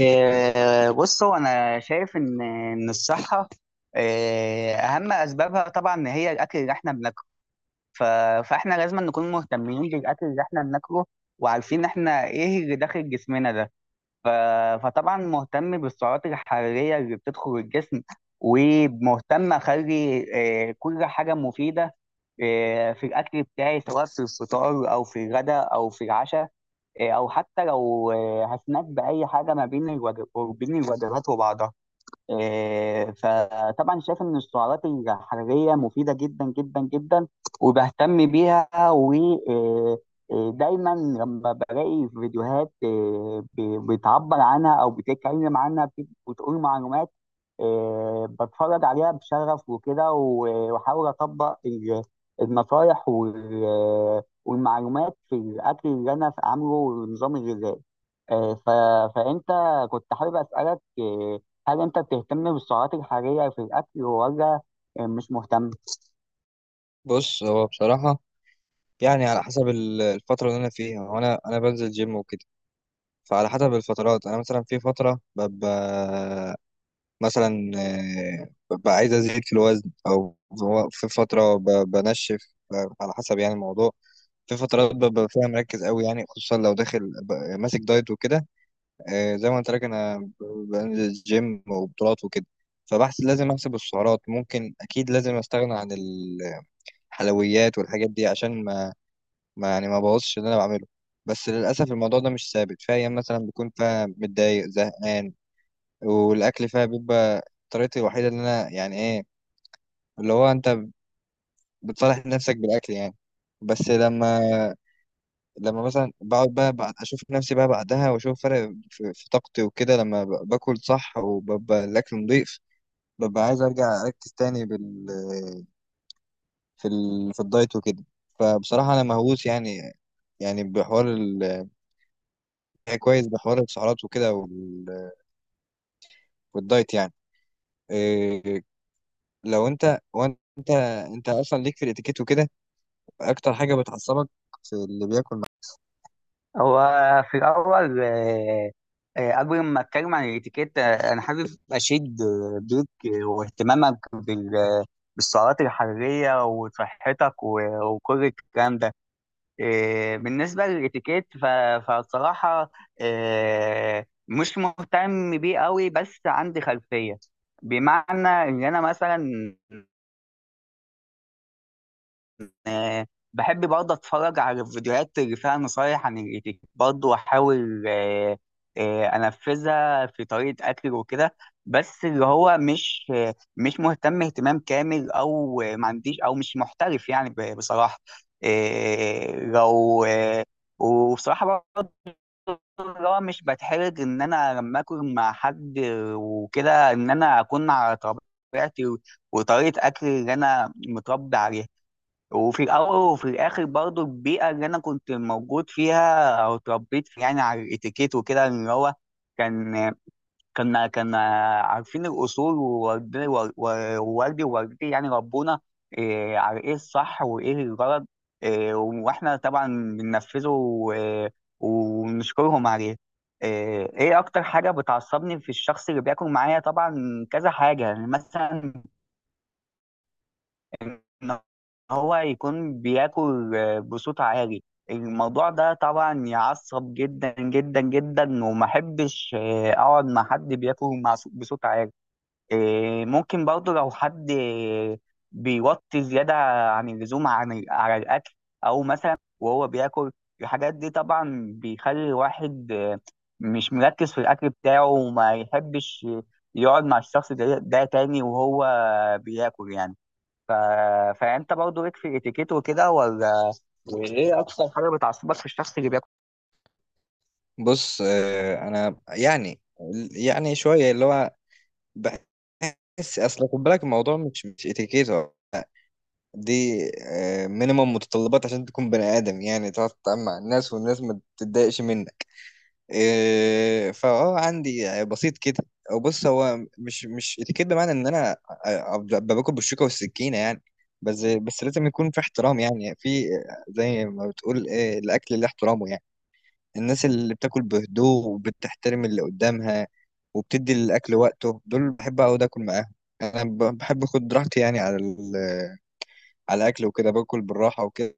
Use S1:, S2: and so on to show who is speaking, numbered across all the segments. S1: بص، هو انا شايف ان الصحه، اهم اسبابها طبعا ان هي الاكل اللي احنا بناكله. ف- فاحنا لازم نكون مهتمين بالاكل اللي احنا بناكله وعارفين احنا ايه اللي داخل جسمنا ده. فطبعا مهتم بالسعرات الحراريه اللي بتدخل الجسم، ومهتم اخلي كل حاجه مفيده في الاكل بتاعي، سواء في الفطار او في الغداء او في العشاء، او حتى لو هسناك باي حاجه ما بين وبين الوجبات وبعضها. فطبعا شايف ان السعرات الحراريه مفيده جدا جدا جدا، وبهتم بيها. ودايما لما بلاقي فيديوهات، بتعبر عنها او بتتكلم عنها، بتقول معلومات، بتفرج عليها بشغف وكده، واحاول اطبق النصايح والمعلومات في الاكل اللي انا عامله والنظام الغذائي. إيه، ف- فانت كنت حابب اسالك، هل انت بتهتم بالسعرات الحرارية في الاكل ولا مش مهتم؟
S2: بص هو بصراحة. يعني على حسب الفترة اللي أنا فيها. وأنا بنزل جيم وكده. فعلى حسب الفترات أنا مثلا في فترة ببقى مثلا، ببقى عايز أزيد في الوزن، أو في فترة بنشف. على حسب يعني الموضوع. في فترات ببقى فيها مركز قوي، يعني خصوصا لو داخل ماسك دايت وكده. زي ما قلت لك أنا بنزل جيم وبطولات وكده. فبحس لازم أحسب السعرات، ممكن أكيد لازم أستغنى عن الحلويات والحاجات دي عشان ما يعني ما بوظش اللي انا بعمله. بس للاسف الموضوع ده مش ثابت، في ايام مثلا بكون فيها متضايق زهقان، والاكل فيها بيبقى طريقتي الوحيده. ان انا يعني ايه، اللي هو انت بتصالح نفسك بالاكل يعني. بس لما مثلا بقعد بقى بعد اشوف نفسي بقى بعدها، واشوف فرق في طاقتي وكده، لما باكل صح وببقى الاكل نضيف، ببقى عايز ارجع اركز تاني في الدايت وكده. فبصراحه انا مهووس يعني بحوار، يعني كويس، بحوار السعرات وكده والدايت يعني. إيه، لو انت وانت اصلا ليك في الاتيكيت وكده، اكتر حاجه بتعصبك في اللي بياكل معاك؟
S1: هو في الاول، قبل ما اتكلم عن الاتيكيت، انا حابب اشيد بيك واهتمامك بالسعرات الحراريه وصحتك وكل الكلام ده. بالنسبه للاتيكيت، فالصراحه مش مهتم بيه قوي، بس عندي خلفيه. بمعنى ان انا مثلا آه، بحب برضه اتفرج على الفيديوهات اللي فيها نصايح عن اليوتيوب برضه، واحاول انفذها في طريقه اكل وكده. بس اللي هو مش مش مهتم اهتمام كامل، او ما عنديش، او مش محترف يعني، بصراحه. آه، لو آه، وبصراحه برضه اللي هو مش بتحرج ان انا لما اكل مع حد وكده، ان انا اكون على طبيعتي وطريقه اكل اللي انا متربي عليها. وفي الأول وفي الآخر برضو البيئة اللي أنا كنت موجود فيها أو اتربيت فيها يعني على الإتيكيت وكده اللي هو كان، كنا عارفين الأصول، ووالدي ووالدتي يعني ربونا على إيه الصح وإيه الغلط. وإحنا طبعا بننفذه ونشكرهم عليه. إيه إيه أكتر حاجة بتعصبني في الشخص اللي بياكل معايا طبعا كذا حاجة، يعني مثلا ان هو يكون بياكل بصوت عالي. الموضوع ده طبعا يعصب جدا جدا جدا، وما احبش اقعد مع حد بياكل بصوت عالي. ممكن برضه لو حد بيوطي زيادة عن اللزوم عن على الأكل، أو مثلا وهو بياكل. الحاجات دي طبعا بيخلي الواحد مش مركز في الأكل بتاعه، وما يحبش يقعد مع الشخص ده تاني وهو بياكل يعني. ف... فانت برضه ليك في الاتيكيت وكده ولا؟ وايه اكثر حاجه بتعصبك في الشخص اللي بياكل؟
S2: بص، إيه انا يعني شويه. اللي هو بحس، اصل خد بالك، الموضوع مش اتيكيت. هو دي مينيمم متطلبات عشان تكون بني ادم يعني، تعرف تتعامل مع الناس والناس ما تتضايقش منك. إيه، فاه عندي بسيط كده. او بص هو مش اتيكيت بمعنى ان انا أبقى باكل بالشوكه والسكينه يعني، بس لازم يكون في احترام يعني، في زي ما بتقول إيه، الاكل اللي احترامه يعني. الناس اللي بتاكل بهدوء وبتحترم اللي قدامها وبتدي الاكل وقته، دول بحب اقعد اكل معاهم. انا بحب اخد راحتي يعني على على الاكل وكده، باكل بالراحه وكده.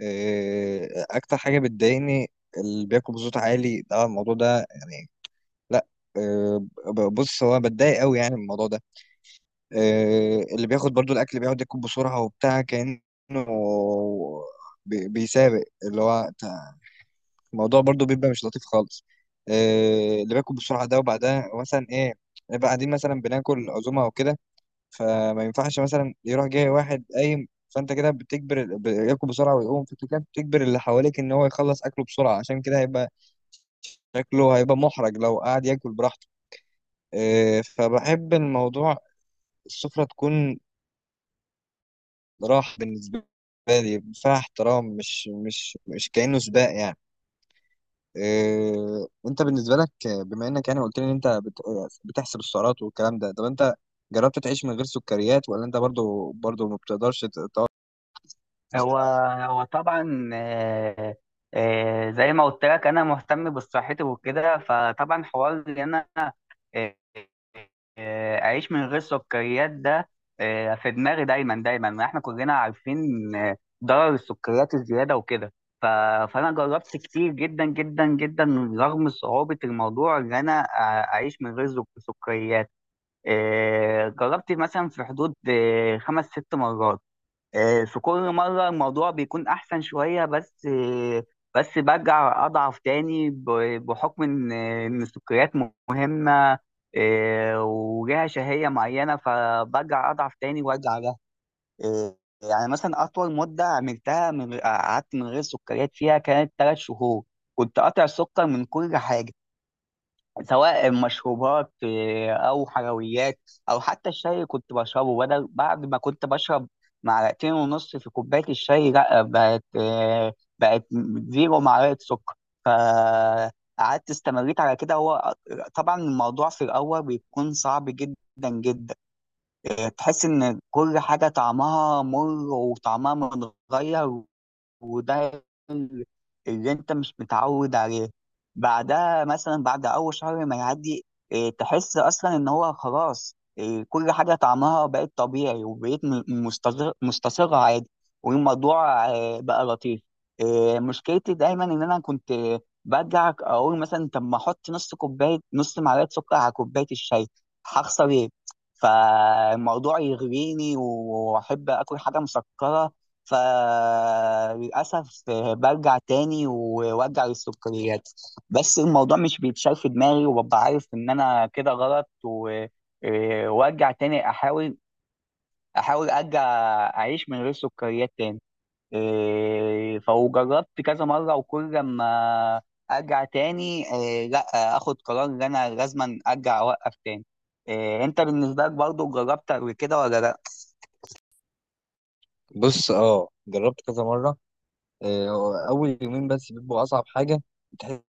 S2: إيه، اكتر حاجه بتضايقني اللي بياكل بصوت عالي ده، الموضوع ده يعني، لا. آه، بص هو بتضايق قوي يعني من الموضوع ده. اللي بياخد برضو الاكل بيقعد ياكل بسرعه وبتاع، كانه بيسابق، الموضوع برضو بيبقى مش لطيف خالص. اللي بياكل بسرعه ده، وبعدها مثلا ايه، نبقى قاعدين مثلا بناكل عزومه او كده، فما ينفعش مثلا يروح جاي واحد قايم. فانت كده بتجبر ياكل بسرعه ويقوم، فانت كده بتجبر اللي حواليك ان هو يخلص اكله بسرعه، عشان كده هيبقى شكله هيبقى محرج لو قعد ياكل براحته. فبحب الموضوع، السفرة تكون راحة بالنسبة لي فيها احترام، مش كأنه سباق يعني. وانت بالنسبة لك، بما انك يعني قلت لي ان انت بتحسب السعرات والكلام ده، طب انت جربت تعيش من غير سكريات، ولا انت برضو ما بتقدرش تقعد؟
S1: هو هو طبعا، زي ما قلت لك انا مهتم بصحتي وكده، فطبعا حوار ان انا آه، اعيش من غير سكريات ده في دماغي دايما دايما. احنا كلنا عارفين آه، ضرر السكريات الزياده وكده. ف- فانا جربت كتير جدا جدا جدا رغم صعوبه الموضوع ان انا اعيش من غير سكريات. جربت مثلا في حدود خمس ست مرات. في كل مرة الموضوع بيكون أحسن شوية، بس برجع أضعف تاني بحكم إن السكريات مهمة، وليها شهية معينة، فبرجع أضعف تاني وأرجع لها. آه، يعني مثلا أطول مدة عملتها قعدت من غير سكريات فيها كانت 3 شهور. كنت قاطع السكر من كل حاجة، سواء مشروبات او حلويات، او حتى الشاي. كنت بشربه بدل بعد ما كنت بشرب معلقتين ونص في كوبايه الشاي، لا بقت 0 معلقه سكر. فقعدت استمريت على كده. هو طبعا الموضوع في الاول بيكون صعب جدا جدا. تحس ان كل حاجه طعمها مر وطعمها متغير، وده ال- اللي انت مش متعود عليه. بعدها مثلا بعد اول شهر ما يعدي، اه، تحس اصلا ان هو خلاص، كل حاجه طعمها بقت طبيعي، وبقيت مستصغرها عادي. والموضوع بقى لطيف. اه، مشكلتي دايما ان انا كنت برجع اقول مثلا طب ما احط نص كوبايه، نص معلقه سكر على كوبايه الشاي، هخسر ايه؟ فالموضوع يغريني واحب اكل حاجه مسكره. فللأسف برجع تاني وارجع للسكريات، بس الموضوع مش بيتشال في دماغي، وببقى عارف ان انا كده غلط. و... إيه، وارجع تاني احاول، احاول ارجع اعيش من غير سكريات تاني. فجربت كذا مرة، وكل ما ارجع تاني لا اخد قرار ان انا لازما ارجع اوقف تاني. انت بالنسبة لك برضو جربت قبل كده ولا لا؟
S2: بص، جربت كذا مرة. اول يومين بس بيبقوا اصعب حاجة. بتحس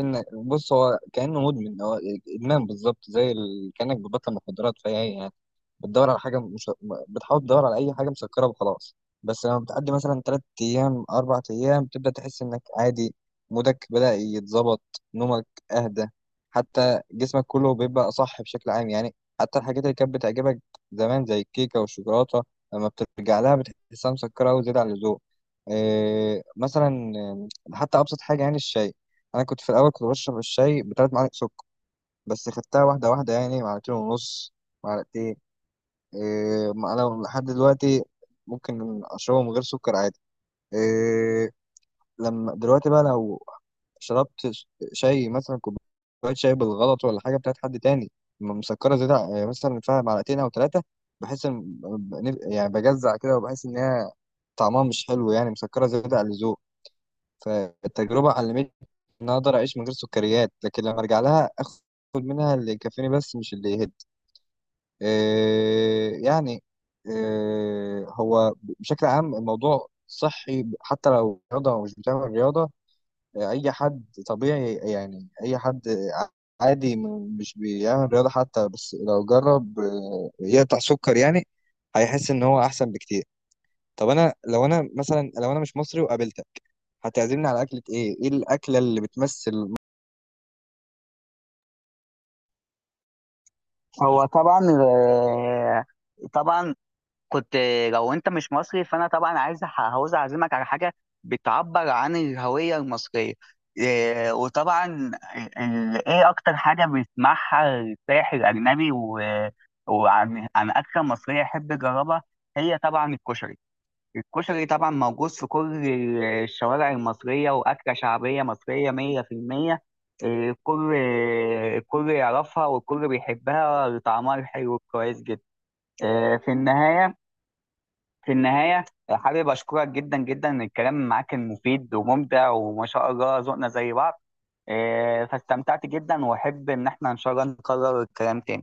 S2: ان، بص، هو كأنه مدمن، هو ادمان بالظبط، زي كأنك بتبطل مخدرات. فهي بتدور على حاجه مش... بتحاول تدور على اي حاجه مسكره وخلاص. بس لما بتعدي مثلا 3 ايام 4 ايام، بتبدا تحس انك عادي، مودك بدا يتظبط، نومك اهدى، حتى جسمك كله بيبقى اصح بشكل عام يعني. حتى الحاجات اللي كانت بتعجبك زمان زي الكيكه والشوكولاته، لما بترجع لها بتحسها مسكره وزياده عن اللزوم. إيه مثلا، حتى ابسط حاجه يعني الشاي. انا كنت في الاول كنت بشرب الشاي ب3 معالق سكر، بس خدتها واحده واحده يعني معلقتين ونص، معلقتين. إيه، ما انا لحد دلوقتي ممكن اشربه من غير سكر عادي. إيه، لما دلوقتي بقى لو شربت شاي، مثلا كوبايه شاي بالغلط ولا حاجه بتاعت حد تاني مسكره زياده إيه، مثلا فيها معلقتين او ثلاثه، بحس ان يعني بجزع كده، وبحس ان هي طعمها مش حلو يعني، مسكره زياده عن اللزوم. فالتجربه علمتني ان أنا اقدر اعيش من غير سكريات، لكن لما ارجع لها اخد منها اللي يكفيني بس، مش اللي يهد. يعني، هو بشكل عام الموضوع صحي، حتى لو رياضة أو مش بتعمل رياضة. أي حد طبيعي يعني، أي حد عادي مش بيعمل رياضة حتى، بس لو جرب يقطع سكر يعني، هيحس إن هو أحسن بكتير. طب أنا لو أنا مثلا، لو أنا مش مصري وقابلتك، هتعزمني على أكلة إيه؟ إيه الأكلة اللي بتمثل
S1: هو طبعا، طبعا كنت. لو انت مش مصري فانا طبعا عايز عاوز اعزمك على حاجه بتعبر عن الهويه المصريه. وطبعا ايه اكتر حاجه بيسمعها السائح الاجنبي وعن اكله مصريه يحب يجربها؟ هي طبعا الكشري. الكشري طبعا موجود في كل الشوارع المصريه، واكله شعبيه مصريه 100%. إيه، الكل الكل يعرفها، والكل بيحبها، وطعمها الحلو كويس جدا. إيه، في النهايه في النهاية حابب أشكرك جدا جدا. الكلام معاك كان مفيد وممتع، وما شاء الله ذوقنا زي بعض. فاستمتعت جدا، وأحب إن احنا إن شاء الله نكرر الكلام تاني.